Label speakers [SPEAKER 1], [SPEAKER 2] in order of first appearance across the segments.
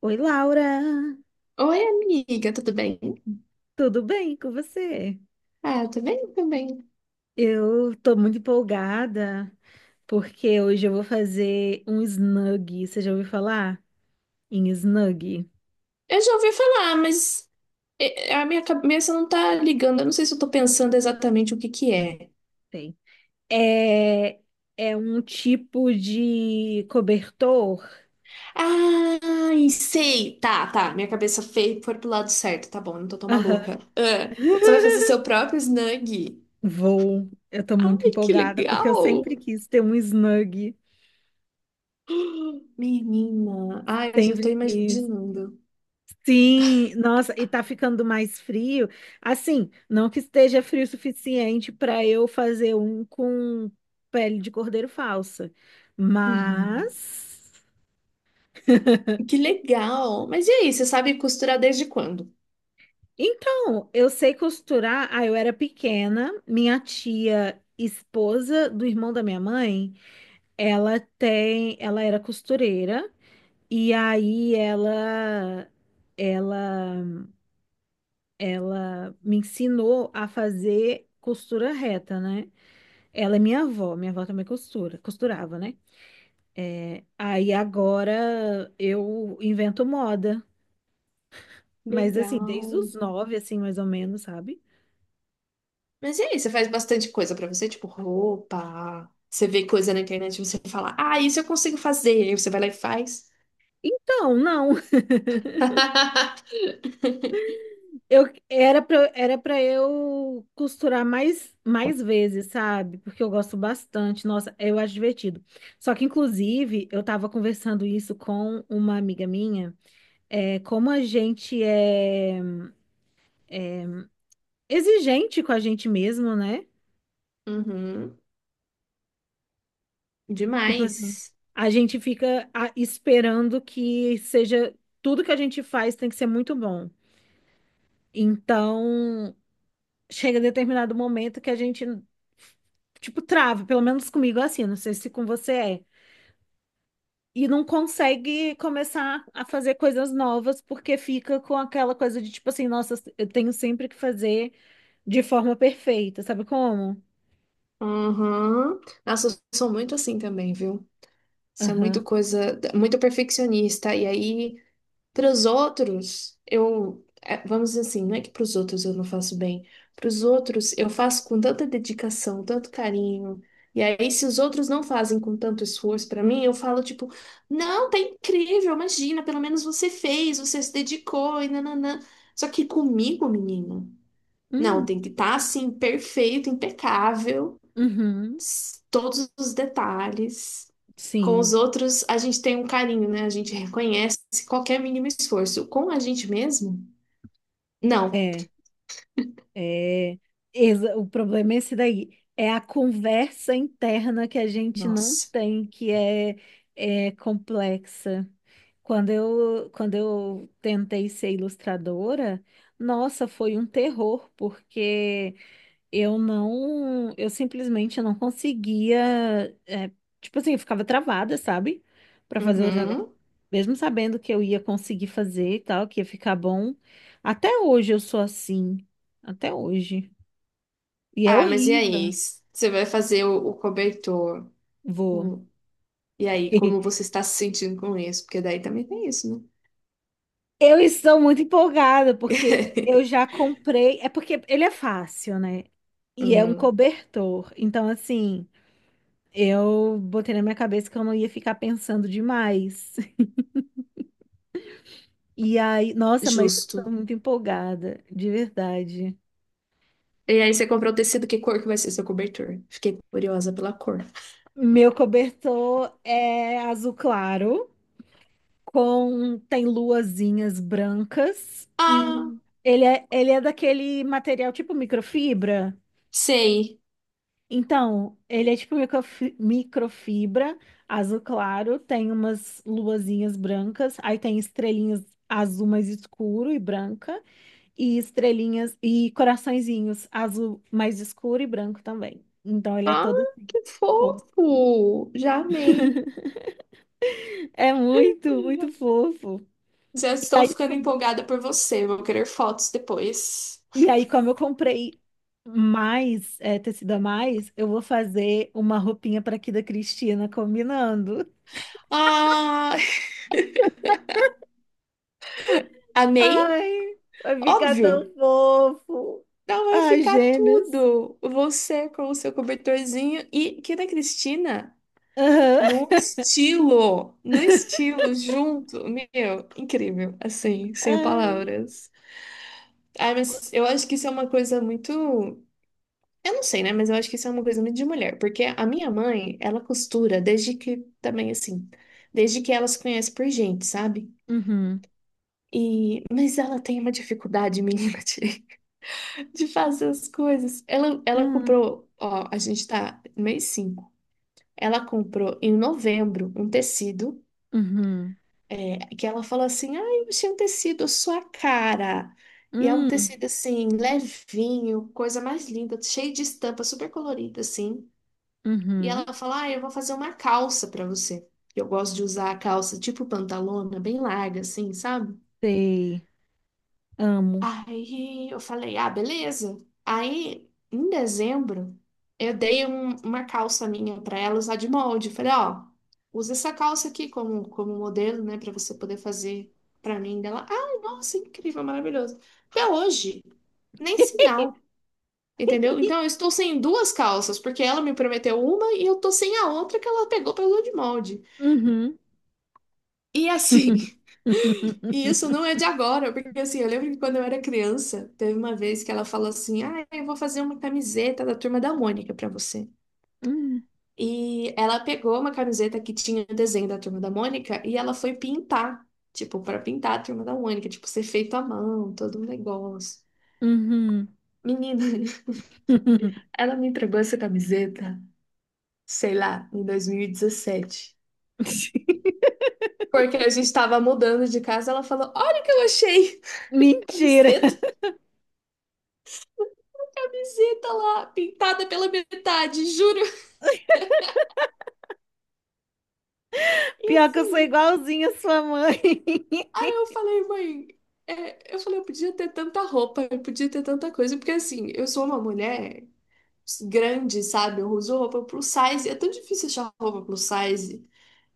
[SPEAKER 1] Oi, Laura!
[SPEAKER 2] Oi, amiga, tudo bem?
[SPEAKER 1] Tudo bem com você?
[SPEAKER 2] Ah, eu tô bem também.
[SPEAKER 1] Eu tô muito empolgada porque hoje eu vou fazer um snug. Você já ouviu falar em snug?
[SPEAKER 2] Eu já ouvi falar, mas a minha cabeça não tá ligando. Eu não sei se eu tô pensando exatamente o que que é.
[SPEAKER 1] Tem. É, é um tipo de cobertor.
[SPEAKER 2] Ah, sei. Tá, tá. Minha cabeça feia foi pro lado certo. Tá bom, eu não tô tão maluca.
[SPEAKER 1] Aham.
[SPEAKER 2] Ah, você vai fazer seu próprio snug?
[SPEAKER 1] Vou. Eu tô muito
[SPEAKER 2] Ai, que
[SPEAKER 1] empolgada porque eu
[SPEAKER 2] legal!
[SPEAKER 1] sempre quis ter um snug.
[SPEAKER 2] Menina, ai, eu já tô
[SPEAKER 1] Sempre quis.
[SPEAKER 2] imaginando.
[SPEAKER 1] Sim, nossa, e tá ficando mais frio. Assim, não que esteja frio o suficiente para eu fazer um com pele de cordeiro falsa. Mas.
[SPEAKER 2] Que legal! Mas e aí, você sabe costurar desde quando?
[SPEAKER 1] Então, eu sei costurar. Ah, eu era pequena, minha tia, esposa do irmão da minha mãe, ela era costureira e aí ela ela me ensinou a fazer costura reta, né? Ela é minha avó também costura, costurava, né? Aí agora eu invento moda, mas assim, desde
[SPEAKER 2] Legal.
[SPEAKER 1] os 9, assim, mais ou menos, sabe?
[SPEAKER 2] Mas e aí, você faz bastante coisa pra você, tipo roupa. Você vê coisa na internet e você fala, ah, isso eu consigo fazer. Aí você vai lá e faz.
[SPEAKER 1] Então, não, eu era pra eu costurar mais vezes, sabe? Porque eu gosto bastante, nossa, eu acho divertido. Só que, inclusive, eu tava conversando isso com uma amiga minha, como a gente é exigente com a gente mesmo, né?
[SPEAKER 2] Uhum,
[SPEAKER 1] Tipo assim,
[SPEAKER 2] demais.
[SPEAKER 1] a gente fica esperando que seja tudo que a gente faz tem que ser muito bom. Então, chega determinado momento que a gente, tipo, trava, pelo menos comigo é assim, não sei se com você é, e não consegue começar a fazer coisas novas porque fica com aquela coisa de tipo assim, nossa, eu tenho sempre que fazer de forma perfeita, sabe como?
[SPEAKER 2] Uhum. Nossa, eu sou muito assim também, viu? Isso é muito
[SPEAKER 1] Aham.
[SPEAKER 2] coisa, muito perfeccionista. E aí, para os outros, eu, é, vamos dizer assim, não é que para os outros eu não faço bem. Para os outros, eu faço com tanta dedicação, tanto carinho. E aí, se os outros não fazem com tanto esforço para mim, eu falo tipo, não, tá incrível, imagina, pelo menos você fez, você se dedicou e nananã. Só que comigo, menina, não,
[SPEAKER 1] Hum.
[SPEAKER 2] tem que estar assim, perfeito, impecável,
[SPEAKER 1] Uhum.
[SPEAKER 2] todos os detalhes. Com os
[SPEAKER 1] Sim.
[SPEAKER 2] outros, a gente tem um carinho, né? A gente reconhece qualquer mínimo esforço. Com a gente mesmo? Não.
[SPEAKER 1] É. É, o problema é esse daí. É a conversa interna que a gente não
[SPEAKER 2] Nossa.
[SPEAKER 1] tem, que é complexa. Quando eu tentei ser ilustradora, nossa, foi um terror, porque eu simplesmente não conseguia, é, tipo assim, eu ficava travada, sabe? Para fazer os negócios.
[SPEAKER 2] Uhum.
[SPEAKER 1] Mesmo sabendo que eu ia conseguir fazer e tal, que ia ficar bom, até hoje eu sou assim. Até hoje. E é
[SPEAKER 2] Ah, mas e aí?
[SPEAKER 1] horrível.
[SPEAKER 2] Você vai fazer o cobertor.
[SPEAKER 1] Vou.
[SPEAKER 2] Hum. E aí, como você está se sentindo com isso? Porque daí também tem isso, né?
[SPEAKER 1] Eu estou muito empolgada porque eu já comprei. É porque ele é fácil, né? E é um
[SPEAKER 2] Hum,
[SPEAKER 1] cobertor. Então, assim, eu botei na minha cabeça que eu não ia ficar pensando demais. E aí, nossa, mas eu estou
[SPEAKER 2] justo.
[SPEAKER 1] muito empolgada, de verdade.
[SPEAKER 2] E aí você comprou o tecido, que cor que vai ser seu cobertor? Fiquei curiosa pela cor.
[SPEAKER 1] Meu cobertor é azul claro, com tem luazinhas brancas
[SPEAKER 2] Ah,
[SPEAKER 1] e ele é daquele material tipo microfibra.
[SPEAKER 2] sei.
[SPEAKER 1] Então, ele é tipo microfibra, azul claro, tem umas luazinhas brancas, aí tem estrelinhas azul mais escuro e branca, e estrelinhas e coraçõezinhos azul mais escuro e branco também. Então, ele é
[SPEAKER 2] Ah,
[SPEAKER 1] todo assim,
[SPEAKER 2] que
[SPEAKER 1] fofo.
[SPEAKER 2] fofo! Já amei.
[SPEAKER 1] É muito, muito fofo.
[SPEAKER 2] Já
[SPEAKER 1] E
[SPEAKER 2] estou
[SPEAKER 1] aí,
[SPEAKER 2] ficando empolgada por você. Vou querer fotos depois.
[SPEAKER 1] E aí, como eu comprei mais, tecido a mais, eu vou fazer uma roupinha para aqui da Cristina combinando.
[SPEAKER 2] Ah, amei?
[SPEAKER 1] Ai, vai ficar
[SPEAKER 2] Óbvio.
[SPEAKER 1] tão fofo.
[SPEAKER 2] Não vai
[SPEAKER 1] Ai,
[SPEAKER 2] ficar
[SPEAKER 1] gêmeos.
[SPEAKER 2] tudo. Você com o seu cobertorzinho e que da Cristina
[SPEAKER 1] Aham.
[SPEAKER 2] no estilo, no estilo junto. Meu, incrível, assim, sem
[SPEAKER 1] Ai.
[SPEAKER 2] palavras. Ai,
[SPEAKER 1] Qu-
[SPEAKER 2] mas eu acho que isso é uma coisa muito... Eu não sei, né? Mas eu acho que isso é uma coisa muito de mulher, porque a minha mãe, ela costura desde que também assim, desde que ela se conhece por gente, sabe?
[SPEAKER 1] Uhum.
[SPEAKER 2] E mas ela tem uma dificuldade, menina, de, de fazer as coisas. Ela
[SPEAKER 1] Uhum.
[SPEAKER 2] comprou, ó, a gente tá no mês 5. Ela comprou em novembro um tecido,
[SPEAKER 1] Uhum.
[SPEAKER 2] é, que ela falou assim: "Ah, eu achei um tecido à sua cara". E é um
[SPEAKER 1] Uhum.
[SPEAKER 2] tecido assim, levinho, coisa mais linda, cheio de estampa, super colorida assim. E
[SPEAKER 1] Uhum.
[SPEAKER 2] ela fala: Ah, eu vou fazer uma calça pra você. Eu gosto de usar a calça tipo pantalona, bem larga, assim, sabe?
[SPEAKER 1] Sei. Amo.
[SPEAKER 2] Aí eu falei: Ah, beleza. Aí, em dezembro, eu dei uma calça minha pra ela usar de molde. Falei: Ó, usa essa calça aqui como modelo, né, pra você poder fazer pra mim dela. Ai, nossa, incrível, maravilhoso. Até hoje, nem sinal. Entendeu? Então eu estou sem duas calças, porque ela me prometeu uma e eu tô sem a outra que ela pegou pra usar de molde.
[SPEAKER 1] Uhum.
[SPEAKER 2] E assim, e isso não é de agora, porque assim, eu lembro que quando eu era criança, teve uma vez que ela falou assim: Ah, eu vou fazer uma camiseta da Turma da Mônica pra você.
[SPEAKER 1] Uhum.
[SPEAKER 2] E ela pegou uma camiseta que tinha o desenho da Turma da Mônica e ela foi pintar, tipo, pra pintar a Turma da Mônica, tipo, ser feito à mão, todo um negócio.
[SPEAKER 1] Uhum.
[SPEAKER 2] Menina, ela me entregou essa camiseta, sei lá, em 2017. Porque a gente tava mudando de casa, ela falou: Olha o que eu achei!
[SPEAKER 1] Mentira.
[SPEAKER 2] Camiseta. Camiseta lá, pintada pela metade, juro. E
[SPEAKER 1] Pior que eu sou
[SPEAKER 2] assim,
[SPEAKER 1] igualzinha à sua mãe.
[SPEAKER 2] eu falei, mãe, é, eu falei, eu podia ter tanta roupa, eu podia ter tanta coisa, porque assim, eu sou uma mulher grande, sabe? Eu uso roupa plus size, é tão difícil achar roupa plus size.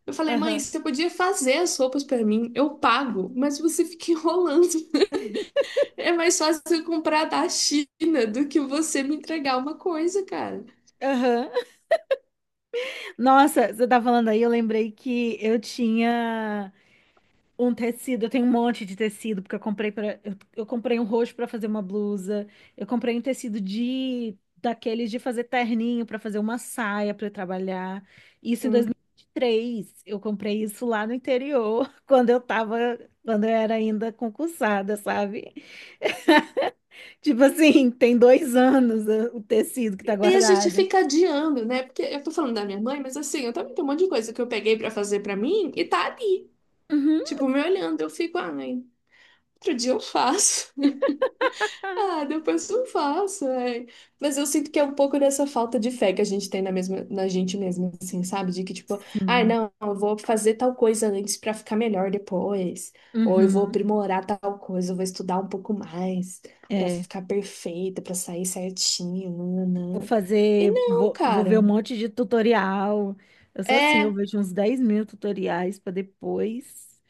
[SPEAKER 2] Eu falei, mãe,
[SPEAKER 1] Aham,
[SPEAKER 2] você podia fazer as roupas pra mim, eu pago, mas você fica enrolando. É mais fácil eu comprar da China do que você me entregar uma coisa, cara.
[SPEAKER 1] aham. Nossa, você tá falando aí, eu lembrei que eu tinha um tecido, eu tenho um monte de tecido, porque eu comprei eu comprei um roxo pra fazer uma blusa, eu comprei um tecido de daqueles de fazer terninho pra fazer uma saia pra eu trabalhar. Isso em 2023. Eu comprei isso lá no interior, quando eu era ainda concursada, sabe? Tipo assim, tem 2 anos, o tecido que tá
[SPEAKER 2] E a gente
[SPEAKER 1] guardado.
[SPEAKER 2] fica adiando, né? Porque eu tô falando da minha mãe, mas assim, eu também tenho um monte de coisa que eu peguei pra fazer pra mim e tá ali,
[SPEAKER 1] Uhum.
[SPEAKER 2] tipo, me olhando. Eu fico, ai, outro dia eu faço. Ah, depois eu faço, ai. Mas eu sinto que é um pouco dessa falta de fé que a gente tem na mesma, na gente mesma, assim, sabe? De que, tipo, ai,
[SPEAKER 1] Sim.
[SPEAKER 2] não, eu vou fazer tal coisa antes pra ficar melhor depois. Ou eu vou
[SPEAKER 1] Uhum.
[SPEAKER 2] aprimorar tal coisa, eu vou estudar um pouco mais pra
[SPEAKER 1] É.
[SPEAKER 2] ficar perfeita, pra sair certinho,
[SPEAKER 1] Vou
[SPEAKER 2] nananã. E
[SPEAKER 1] fazer.
[SPEAKER 2] não,
[SPEAKER 1] Vou ver um
[SPEAKER 2] cara.
[SPEAKER 1] monte de tutorial. Eu sou assim, eu
[SPEAKER 2] É,
[SPEAKER 1] vejo uns 10.000 tutoriais pra depois.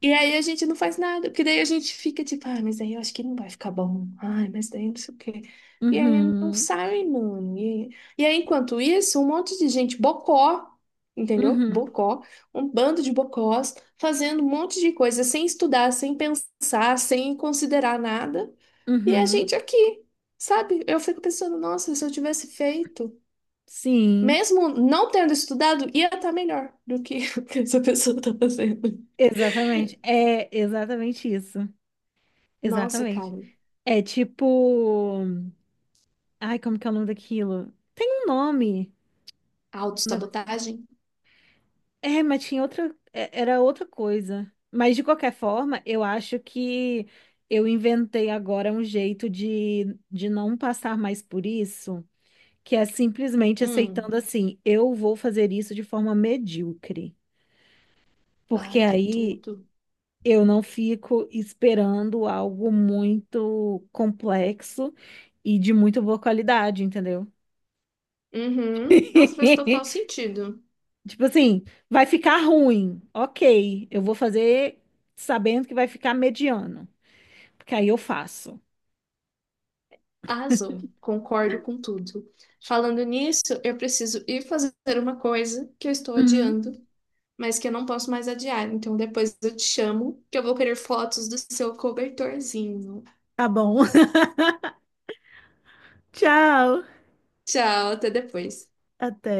[SPEAKER 2] e aí a gente não faz nada, porque daí a gente fica tipo, ah, mas aí eu acho que não vai ficar bom. Ai, mas daí não sei o quê. E aí não
[SPEAKER 1] Uhum.
[SPEAKER 2] sai, mano. E aí, enquanto isso, um monte de gente bocó, entendeu?
[SPEAKER 1] Uhum.
[SPEAKER 2] Bocó, um bando de bocós fazendo um monte de coisa sem estudar, sem pensar, sem considerar nada. E a
[SPEAKER 1] Uhum.
[SPEAKER 2] gente aqui, sabe? Eu fico pensando, nossa, se eu tivesse feito,
[SPEAKER 1] Sim.
[SPEAKER 2] mesmo não tendo estudado, ia estar melhor do que o que essa pessoa tá fazendo.
[SPEAKER 1] Exatamente. É exatamente isso.
[SPEAKER 2] Nossa, cara.
[SPEAKER 1] Exatamente. É tipo. Ai, como que é o nome daquilo? Tem um nome. um
[SPEAKER 2] Autossabotagem?
[SPEAKER 1] É, mas tinha outra, era outra coisa. Mas de qualquer forma, eu acho que eu inventei agora um jeito de não passar mais por isso, que é simplesmente
[SPEAKER 2] Hum,
[SPEAKER 1] aceitando assim, eu vou fazer isso de forma medíocre. Porque
[SPEAKER 2] ai, que
[SPEAKER 1] aí
[SPEAKER 2] tudo.
[SPEAKER 1] eu não fico esperando algo muito complexo e de muito boa qualidade, entendeu?
[SPEAKER 2] Uhum. Nossa, faz total sentido.
[SPEAKER 1] Tipo assim, vai ficar ruim. Ok, eu vou fazer sabendo que vai ficar mediano. Porque aí eu faço.
[SPEAKER 2] Arrasou. Concordo com tudo. Falando nisso, eu preciso ir fazer uma coisa que eu estou
[SPEAKER 1] Uhum.
[SPEAKER 2] adiando, mas que eu não posso mais adiar. Então depois eu te chamo, que eu vou querer fotos do seu cobertorzinho.
[SPEAKER 1] Tá bom. Tchau.
[SPEAKER 2] Tchau, até depois.
[SPEAKER 1] Até.